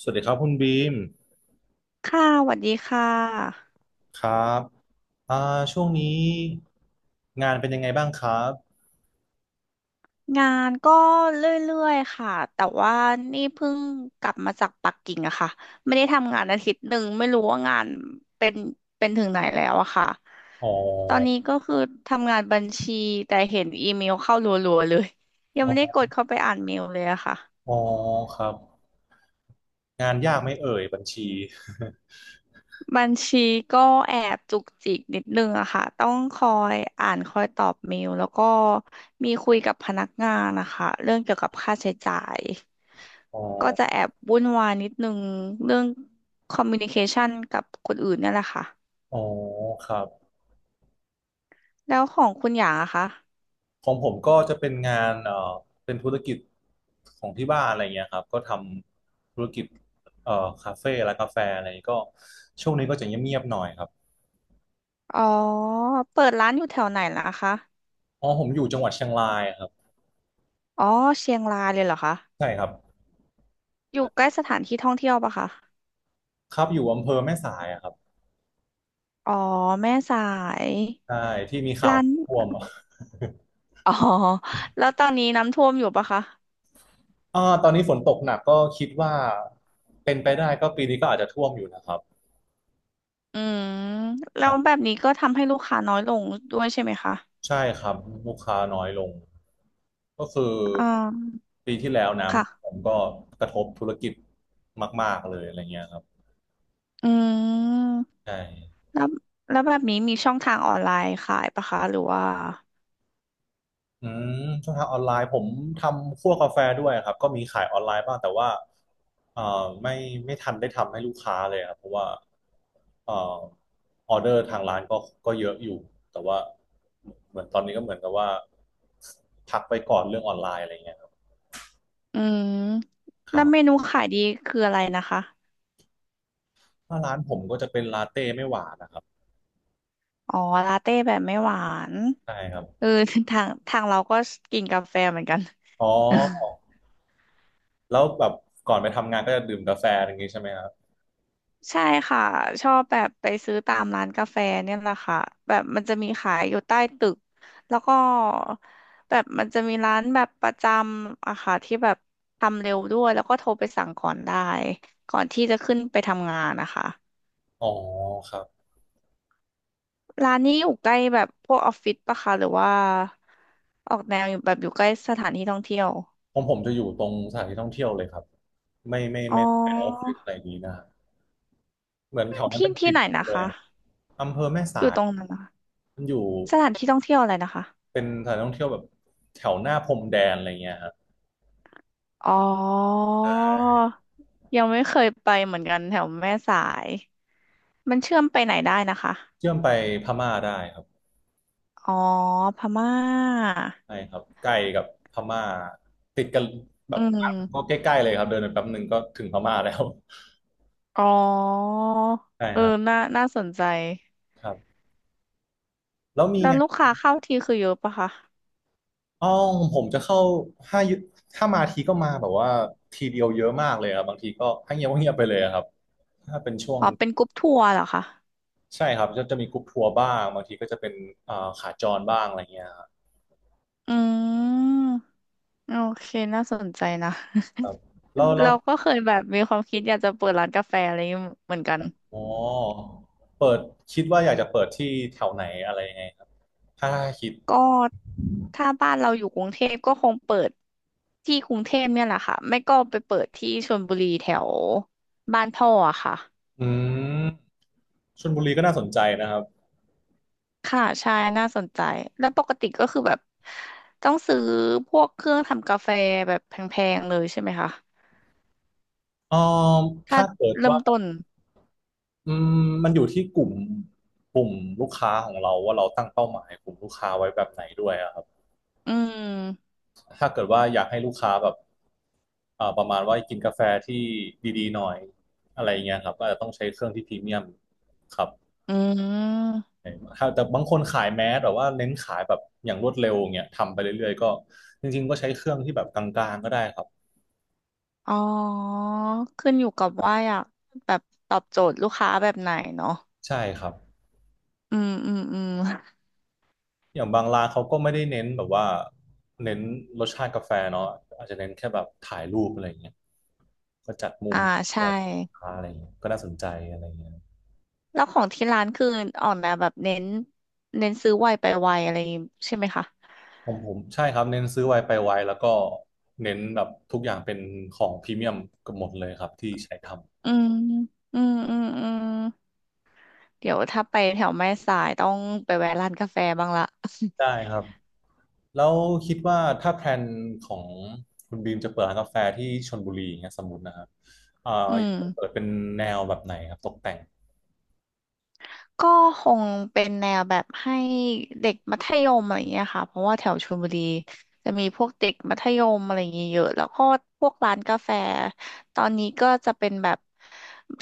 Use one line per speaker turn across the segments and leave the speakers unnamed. สวัสดีครับคุณบีม
ค่ะสวัสดีค่ะ
ครับอ่าช่วงนี้งานเป็นยังไงบ้างครับ
งานก็เรื่อยๆ ค่ะ แต่ว่านี่เพิ่งกลับมาจากปักกิ่งอะค่ะ ไม่ได้ทำงานอาทิตย์หนึ่ง ไม่รู้ว่างานเป็นเป็นถึงไหนแล้วอะค่ะ
อ๋อ
ตอนนี้ก็คือทำงานบัญชี แต่เห็นอีเมลเข้ารัวๆ เลย ยั
อ๋
ง
อ
ไม่ได้กดเข้าไปอ่านเมลเลยอะค่ะ
อ๋อครับงานยากไหม่เอ่ยบัญชี
บัญชีก็แอบจุกจิกนิดนึงอะค่ะต้องคอยอ่านคอยตอบเมลแล้วก็มีคุยกับพนักงานนะคะเรื่องเกี่ยวกับค่าใช้จ่าย
อ๋อ
ก็จะแอบวุ่นวายนิดนึงเรื่องคอมมิวนิเคชันกับคนอื่นเนี่ยแหละค่ะ
อ๋อครับ
แล้วของคุณหยางอะคะ
ของผมก็จะเป็นงานเป็นธุรกิจของที่บ้านอะไรเงี้ยครับก็ทำธุรกิจเอ่อคาเฟ่ร้านกาแฟอะไรก็ช่วงนี้ก็จะเงียบๆหน่อยครับ
อ๋อเปิดร้านอยู่แถวไหนล่ะคะ
อ๋อผมอยู่จังหวัดเชียงรายครับ
อ๋อเชียงรายเลยเหรอคะ
ใช่ครับ
อยู่ใกล้สถานที่ท่องเที่ยวปะคะ
ครับอยู่อำเภอแม่สายอะครับ
อ๋อแม่สาย
ใช่ที่มีข่าว
ร้าน
ท่วมอะ
อ๋อ แล้วตอนนี้น้ำท่วมอยู่ปะคะ
ตอนนี้ฝนตกหนักก็คิดว่าเป็นไปได้ก็ปีนี้ก็อาจจะท่วมอยู่นะครับ
อืม แล้วแบบนี้ก็ทำให้ลูกค้าน้อยลงด้วยใช่ไหมคะ
ใช่ครับลูกค้าน้อยลงก็คือ
อ่า
ปีที่แล้วน้ำผม
ค่ะ
ก็กระทบธุรกิจมากๆเลยอะไรเงี้ยครับ
อืม
ใช่
แล้วแล้วแบบนี้มีช่องทางออนไลน์ขายปะคะ หรือว่า
อืมช่องทางออนไลน์ผมทำคั่วกาแฟด้วยครับก็มีขายออนไลน์บ้างแต่ว่าเอ่อไม่ไม่ทันได้ทำให้ลูกค้าเลยครับเพราะว่าเอ่อออเดอร์ทางร้านก็เยอะอยู่แต่ว่าเหมือนตอนนี้ก็เหมือนกับว่าพักไปก่อนเรื่องออนไลน์อะไรเงี้ยครับ
อืม
ค
แล้
รั
วเม
บ
นูขายดีคืออะไรนะคะ
ถ้าร้านผมก็จะเป็นลาเต้ไม่หวานนะครับ
อ๋อลาเต้แบบไม่หวาน
ใช่ครับ
เออ ทางเราก็กินกาแฟเหมือนกัน
อ๋อ แล้วแบบก่อนไปทำงานก็จะดื่มกาแฟอย่างงี้ใช่ไหมครับ
ใช่ค่ะชอบแบบไปซื้อตามร้านกาแฟเนี่ยแหละค่ะแบบมันจะมีขายอยู่ใต้ตึกแล้วก็แบบมันจะมีร้านแบบประจำอะค่ะที่แบบทำเร็วด้วยแล้วก็โทรไปสั่งก่อนได้ก่อนที่จะขึ้นไปทำงานนะคะ
อ๋อครับ
ร้านนี้อยู่ใกล้แบบพวกออฟฟิศปะคะหรือว่าออกแนวอยู่แบบอยู่ใกล้สถานที่ท่องเที่ยว
ของผมจะอยู่ตรงสถานที่ท่องเที่ยวเลยครับไม่ไม่
อ๋
ไม่ไม่เปนออฟ
อ
ฟิศอะไรนี้นะฮะเหมือนแถวนั้น
ที่
เป็น
ที่
ติด
ไหนนะ
แด
คะ
นอำเภอแม่
อ
สา
ยู่
ย
ตรงนั้นนะคะ
มันอยู่
สถานที่ท่องเที่ยวอะไรนะคะ
เป็นสถานท่องเที่ยวแบบแถวหน้าพรมแดนอะไรเงี้ยครับ
อ๋อ ยังไม่เคยไปเหมือนกันแถวแม่สาย มันเชื่อมไปไหนได้นะคะ
เชื่อมไปพม่าได้ครับ
อ๋อพม่า
ใช่ครับใกล้กับพม่าติดกันแบ
อื
บก็
ม
ใกล้ๆเลยครับเดินไปแป๊บหนึ่งก็ถึงพม่าแล้ว
อ๋อ
ใช่
เออ
ครับ
น่าสนใจ
ครับแล้วมี
แล้ว
ไง
ลูกค้าเข้าทีคือเยอะปะคะ
อ๋อผมจะเข้าห้ายุถ้ามาทีก็มาแบบว่าทีเดียวเยอะมากเลยครับบางทีก็ให้เงียบก็เงียบไปเลยอะครับถ้าเป็นช่วง
อ๋อเป็นกรุ๊ปทัวร์เหรอคะ
ใช่ครับจะมีกรุ๊ปทัวร์บ้างบางทีก็จะเป็นอ่าขาจรบ้างอะไรเงี้ยครับ
อืม โอเค น่าสนใจนะ
แล้ว แล้ว
เราก็เคยแบบมีความคิดอยากจะเปิดร้านกาแฟอะไรอย่างงี้เหมือนกัน
อ๋อเปิดคิดว่าอยากจะเปิดที่แถวไหนอะไรยังไงครับถ้าคิด
ก็ถ้าบ้านเราอยู่กรุงเทพก็คงเปิดที่กรุงเทพเนี่ยแหละค่ะไม่ก็ไปเปิดที่ชลบุรีแถวบ้านพ่ออะค่ะ
อืมชลบุรีก็น่าสนใจนะครับ
ค่ะใช่น่าสนใจแล้วปกติก็คือแบบต้องซื้อพวกเครื่องทำกาแฟแบบแพงๆเลยใช่ไหมคะ
เอ๋อ
ถ้า
ถ้าเกิด
เริ่
ว่า
มต้น
อืมมันอยู่ที่กลุ่มลูกค้าของเราว่าเราตั้งเป้าหมายกลุ่มลูกค้าไว้แบบไหนด้วยอะครับ
อืม
ถ้าเกิดว่าอยากให้ลูกค้าแบบประมาณว่ากินกาแฟที่ดีๆหน่อยอะไรอย่างเงี้ยครับก็อาจจะต้องใช้เครื่องที่พรีเมียมครับ
อืม
ครับแต่บางคนขายแมสแต่ว่าเน้นขายแบบอย่างรวดเร็วเงี้ยทำไปเรื่อยๆก็จริงๆก็ใช้เครื่องที่แบบกลางๆก็ได้ครับ
อ๋อขึ้นอยู่กับว่าอยากแบบตอบโจทย์ลูกค้าแบบไหนเนาะ
ใช่ครับ
อืมอืมอืม
อย่างบางร้านเขาก็ไม่ได้เน้นแบบว่าเน้นรสชาติกาแฟเนาะอาจจะเน้นแค่แบบถ่ายรูปอะไรอย่างเงี้ยก็จัดมุม
อ่า
แบ
ใช่
บค้าอะไรอย่างเงี้ยก็น่าสนใจอะไรอย่างเงี้ย
แล้วของที่ร้านคือออกแนวแบบเน้นเน้นซื้อไวไปไวอะไรใช่ไหมคะ
ผมใช่ครับเน้นซื้อไวไปไวแล้วก็เน้นแบบทุกอย่างเป็นของพรีเมียมเกับหมดเลยครับที่ใช้ทำ
อืมอืมอืมอืมเดี๋ยวถ้าไปแถวแม่สายต้องไปแวะร้านกาแฟบ้างละ
ได้ครับแล้วคิดว่าถ้าแพลนของคุณบีมจะเปิดร้านกาแฟที่ชลบุรีอย่างเงี้ยสมมตินะครับเอ่อ
อื
อยา
ม
กจะเปิดเป็นแนวแบบไหนครับตกแต่ง
ก็คงเป็นแนวแบบให้เด็กมัธยมอะไรอย่างเงี้ยค่ะเพราะว่าแถวชลบุรีจะมีพวกเด็กมัธยมอะไรอย่างเงี้ยเยอะแล้วก็พวกร้านกาแฟตอนนี้ก็จะเป็นแบบ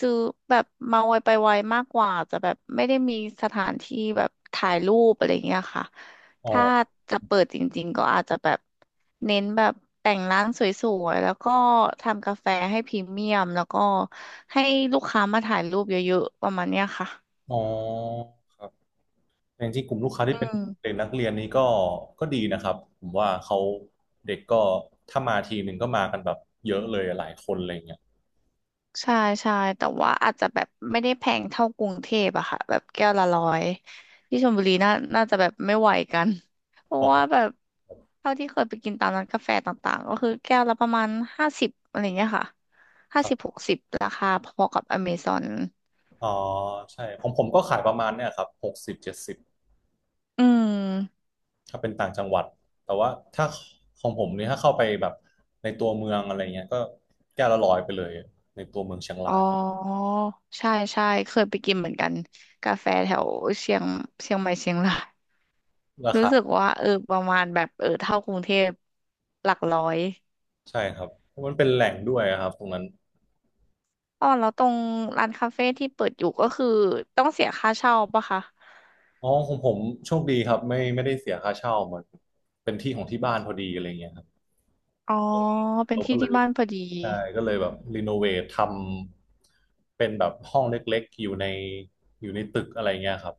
ซื้อแบบมาไวไปไวมากกว่าจะแบบไม่ได้มีสถานที่แบบถ่ายรูปอะไรอย่างเงี้ยค่ะ
อ๋อ
ถ้าจะเปิดจริงๆก็อาจจะแบบเน้นแบบแต่งร้านสวยๆแล้วก็ทำกาแฟให้พรีเมียมแล้วก็ให้ลูกค้ามาถ่ายรูปเยอะๆประมาณเนี้ยค่ะ
อ๋อครับแต่จริงๆกลุ่มลูกค้าที่เป็น
อืม
เด็กนักเรียนนี้ก็ดีนะครับผมว่าเขาเด็กก็ถ้ามาทีหนึ่งก็มากันแบบเยอะเลยหลายคนอะไรเงี้ย
ใช่ใช่แต่ว่าอาจจะแบบไม่ได้แพงเท่ากรุงเทพอะค่ะแบบแก้วละร้อยที่ชลบุรีน่าจะแบบไม่ไหวกัน เพราะ
อ๋
ว่า
อ
แบบเท่าที่เคยไปกินตามร้านกาแฟต่างๆก็คือแก้วละประมาณห้าสิบอะไรเงี้ยค่ะห้า
ครั
สิบ
บ
60ราคาพอกับอเมซอน
อ๋อใช่ของผมก็ขายประมาณเนี่ยครับหกสิบเจ็ดสิบ
อืม
ถ้าเป็นต่างจังหวัดแต่ว่าถ้าของผมนี่ถ้าเข้าไปแบบในตัวเมืองอะไรเงี้ยก็แก้วละร้อยไปเลยในตัวเมืองเชียง
อ๋อ
ราย
ใช่ใช่เคยไปกินเหมือนกันกาแฟแถวเชียงเชียงใหม่เชียงราย
รา
รู้สึก
คา
ว่าเออประมาณแบบเออเท่ากรุงเทพหลักร้อย
ใช่ครับเพราะมันเป็นแหล่งด้วยอะครับตรงนั้น
อ๋อแล้วตรงร้านคาเฟ่ที่เปิดอยู่ก็คือต้องเสียค่าเช่าปะคะ
อ๋อของผมโชคดีครับไม่ได้เสียค่าเช่ามันเป็นที่ของที่บ้านพอดีอะไรเงี้ยครับ
อ๋อเป็น
เราก็
ที่
เล
ที่
ย
บ้านพอดี
ใช่ก็เลยแบบรีโนเวททำเป็นแบบห้องเล็กๆอยู่ในอยู่ในตึกอะไรเงี้ยครับ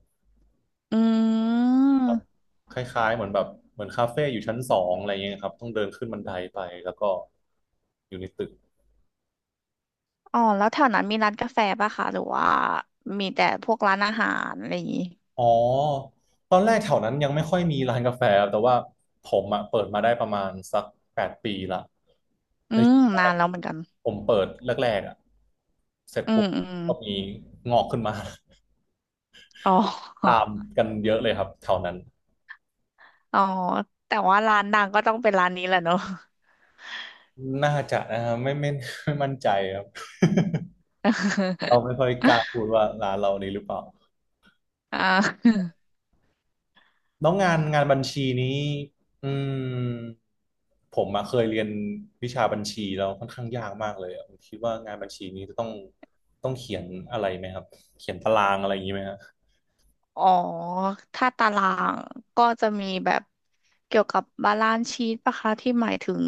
อืม
คล้ายๆเหมือนแบบเหมือนคาเฟ่อยู่ชั้นสองอะไรเงี้ยครับต้องเดินขึ้นบันไดไปแล้วก็อยู่ในตึก
อ๋อแล้วแถวนั้นมีร้านกาแฟปะคะหรือว่ามีแต่พวกร้านอาหารอะไรอย่างงี้
อ๋อตอนแรกแถวนั้นยังไม่ค่อยมีร้านกาแฟครับแต่ว่าผมอะเปิดมาได้ประมาณสักแปดปีละ
อื
ใน
ม
ช่วงแร
นาน
ก
แล้วเหมือนกัน
ผมเปิดแรกๆอะเสร็จ
อื
ปุ๊
ม
บ
อืม
ก็มีงอกขึ้นมา
อ๋
ตา
อ
มกันเยอะเลยครับแถวนั้น
อ๋อแต่ว่าร้านดังก็ต้องเป็นร้านนี้แหละเนอะ
น่าจะนะครับไม่ไม่มั่นใจครับ เราไม่ค่อยกล้าพูดว่าร้านเรานี้หรือเปล่า
อ่า
แล้วงานบัญชีนี้อืมผมมาเคยเรียนวิชาบัญชีแล้วค่อนข้างยากมากเลยอะผมคิดว่างานบัญชีนี้จะต้องเขียนอะไรไหมครับเขียนตารางอะไรอย่างนี้ไหมฮะ
อ๋อถ้าตารางก็จะมีแบบเกี่ยวกับบาลานซ์ชีตปะคะที่หมายถึง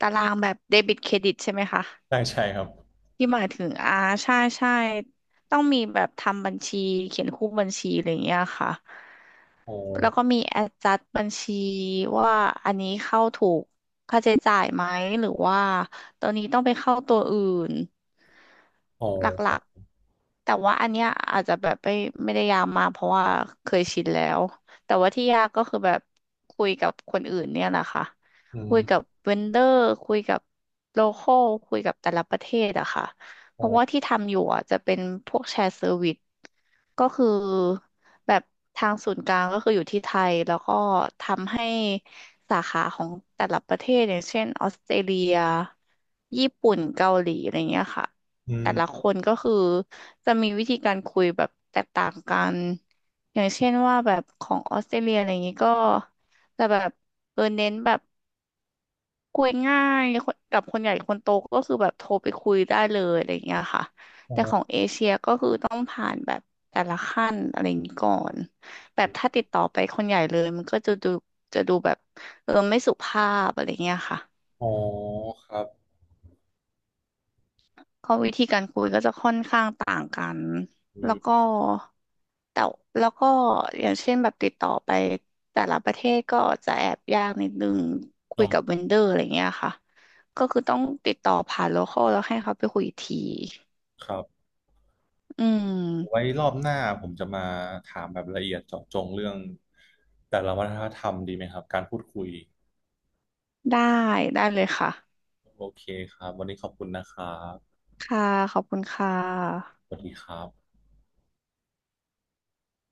ตารางแบบเดบิตเครดิตใช่ไหมคะ
ใช่ ใช่ครับ
ที่หมายถึงอ่าใช่ใช่ต้องมีแบบทำบัญชีเขียนคู่บัญชีอะไรอย่างเงี้ยค่ะ
โอ
แล้วก็
้
มี adjust บัญชีว่าอันนี้เข้าถูกค่าใช้จ่ายไหมหรือว่าตัวนี้ต้องไปเข้าตัวอื่น
โอ
หลั
้
กๆแต่ว่าอันเนี้ยอาจจะแบบไม่ได้ยากมากเพราะว่าเคยชินแล้วแต่ว่าที่ยากก็คือแบบคุยกับคนอื่นเนี่ยแหละค่ะ
อื
คุยกับ
ม
เวนเดอร์คุยกับโลคอลคุยกับแต่ละประเทศอะค่ะเพ
โอ้
ราะว่าที่ทำอยู่อะจะเป็นพวกแชร์เซอร์วิส ก็คือแบบทางศูนย์กลางก็คืออยู่ที่ไทยแล้วก็ทำให้สาขาของแต่ละประเทศอย่างเช่นออสเตรเลียญี่ปุ่นเกาหลีอะไรเงี้ยค่ะ
อื
แต่ละค
ม
นก็คือจะมีวิธีการคุยแบบแตกต่างกันอย่างเช่นว่าแบบของออสเตรเลียอะไรเงงี้ยก็จะแบบเออเน้นแบบ คุยง่ายคนกับคนใหญ่คนโตก็คือแบบโทรไปคุยได้เลยอะไรอย่างเงี้ยค่ะ
โอ
แต่ของ
้
เอเชียก็คือต้องผ่านแบบแต่ละขั้นอะไรอย่างนี้ก่อนแบบถ้าติดต่อไปคนใหญ่เลยมันก็จะดูจะดูแบบเออไม่สุภาพอะไรเงี้ยค่ะ
โอ้ครับ
ก็วิธีการคุยก็จะค่อนข้างต่างกัน
อื
แล้วก็
ม
แต่แล้วก็อย่างเช่นแบบติดต่อไปแต่ละประเทศก็จะแอบยากนิดนึงคุ
อ๋
ยกับ
อ
เวนเดอร์อะไรเงี้ยค่ะก็คือต้องติดต่อผ่านโลคอลแล้วให้เขาไปคุยอีกที
ครับ
อื
ไว้
ม
รอบหน้าผมจะมาถามแบบละเอียดเจาะจงเรื่องแต่ละวัฒนธรรมดีไหมครับการพูดคุย
ได้ได้เลยค่ะ
โอเคครับวันนี้ขอบคุณนะครับ
ค่ะขอบคุณค่
ส
ะ
วัสดีครับ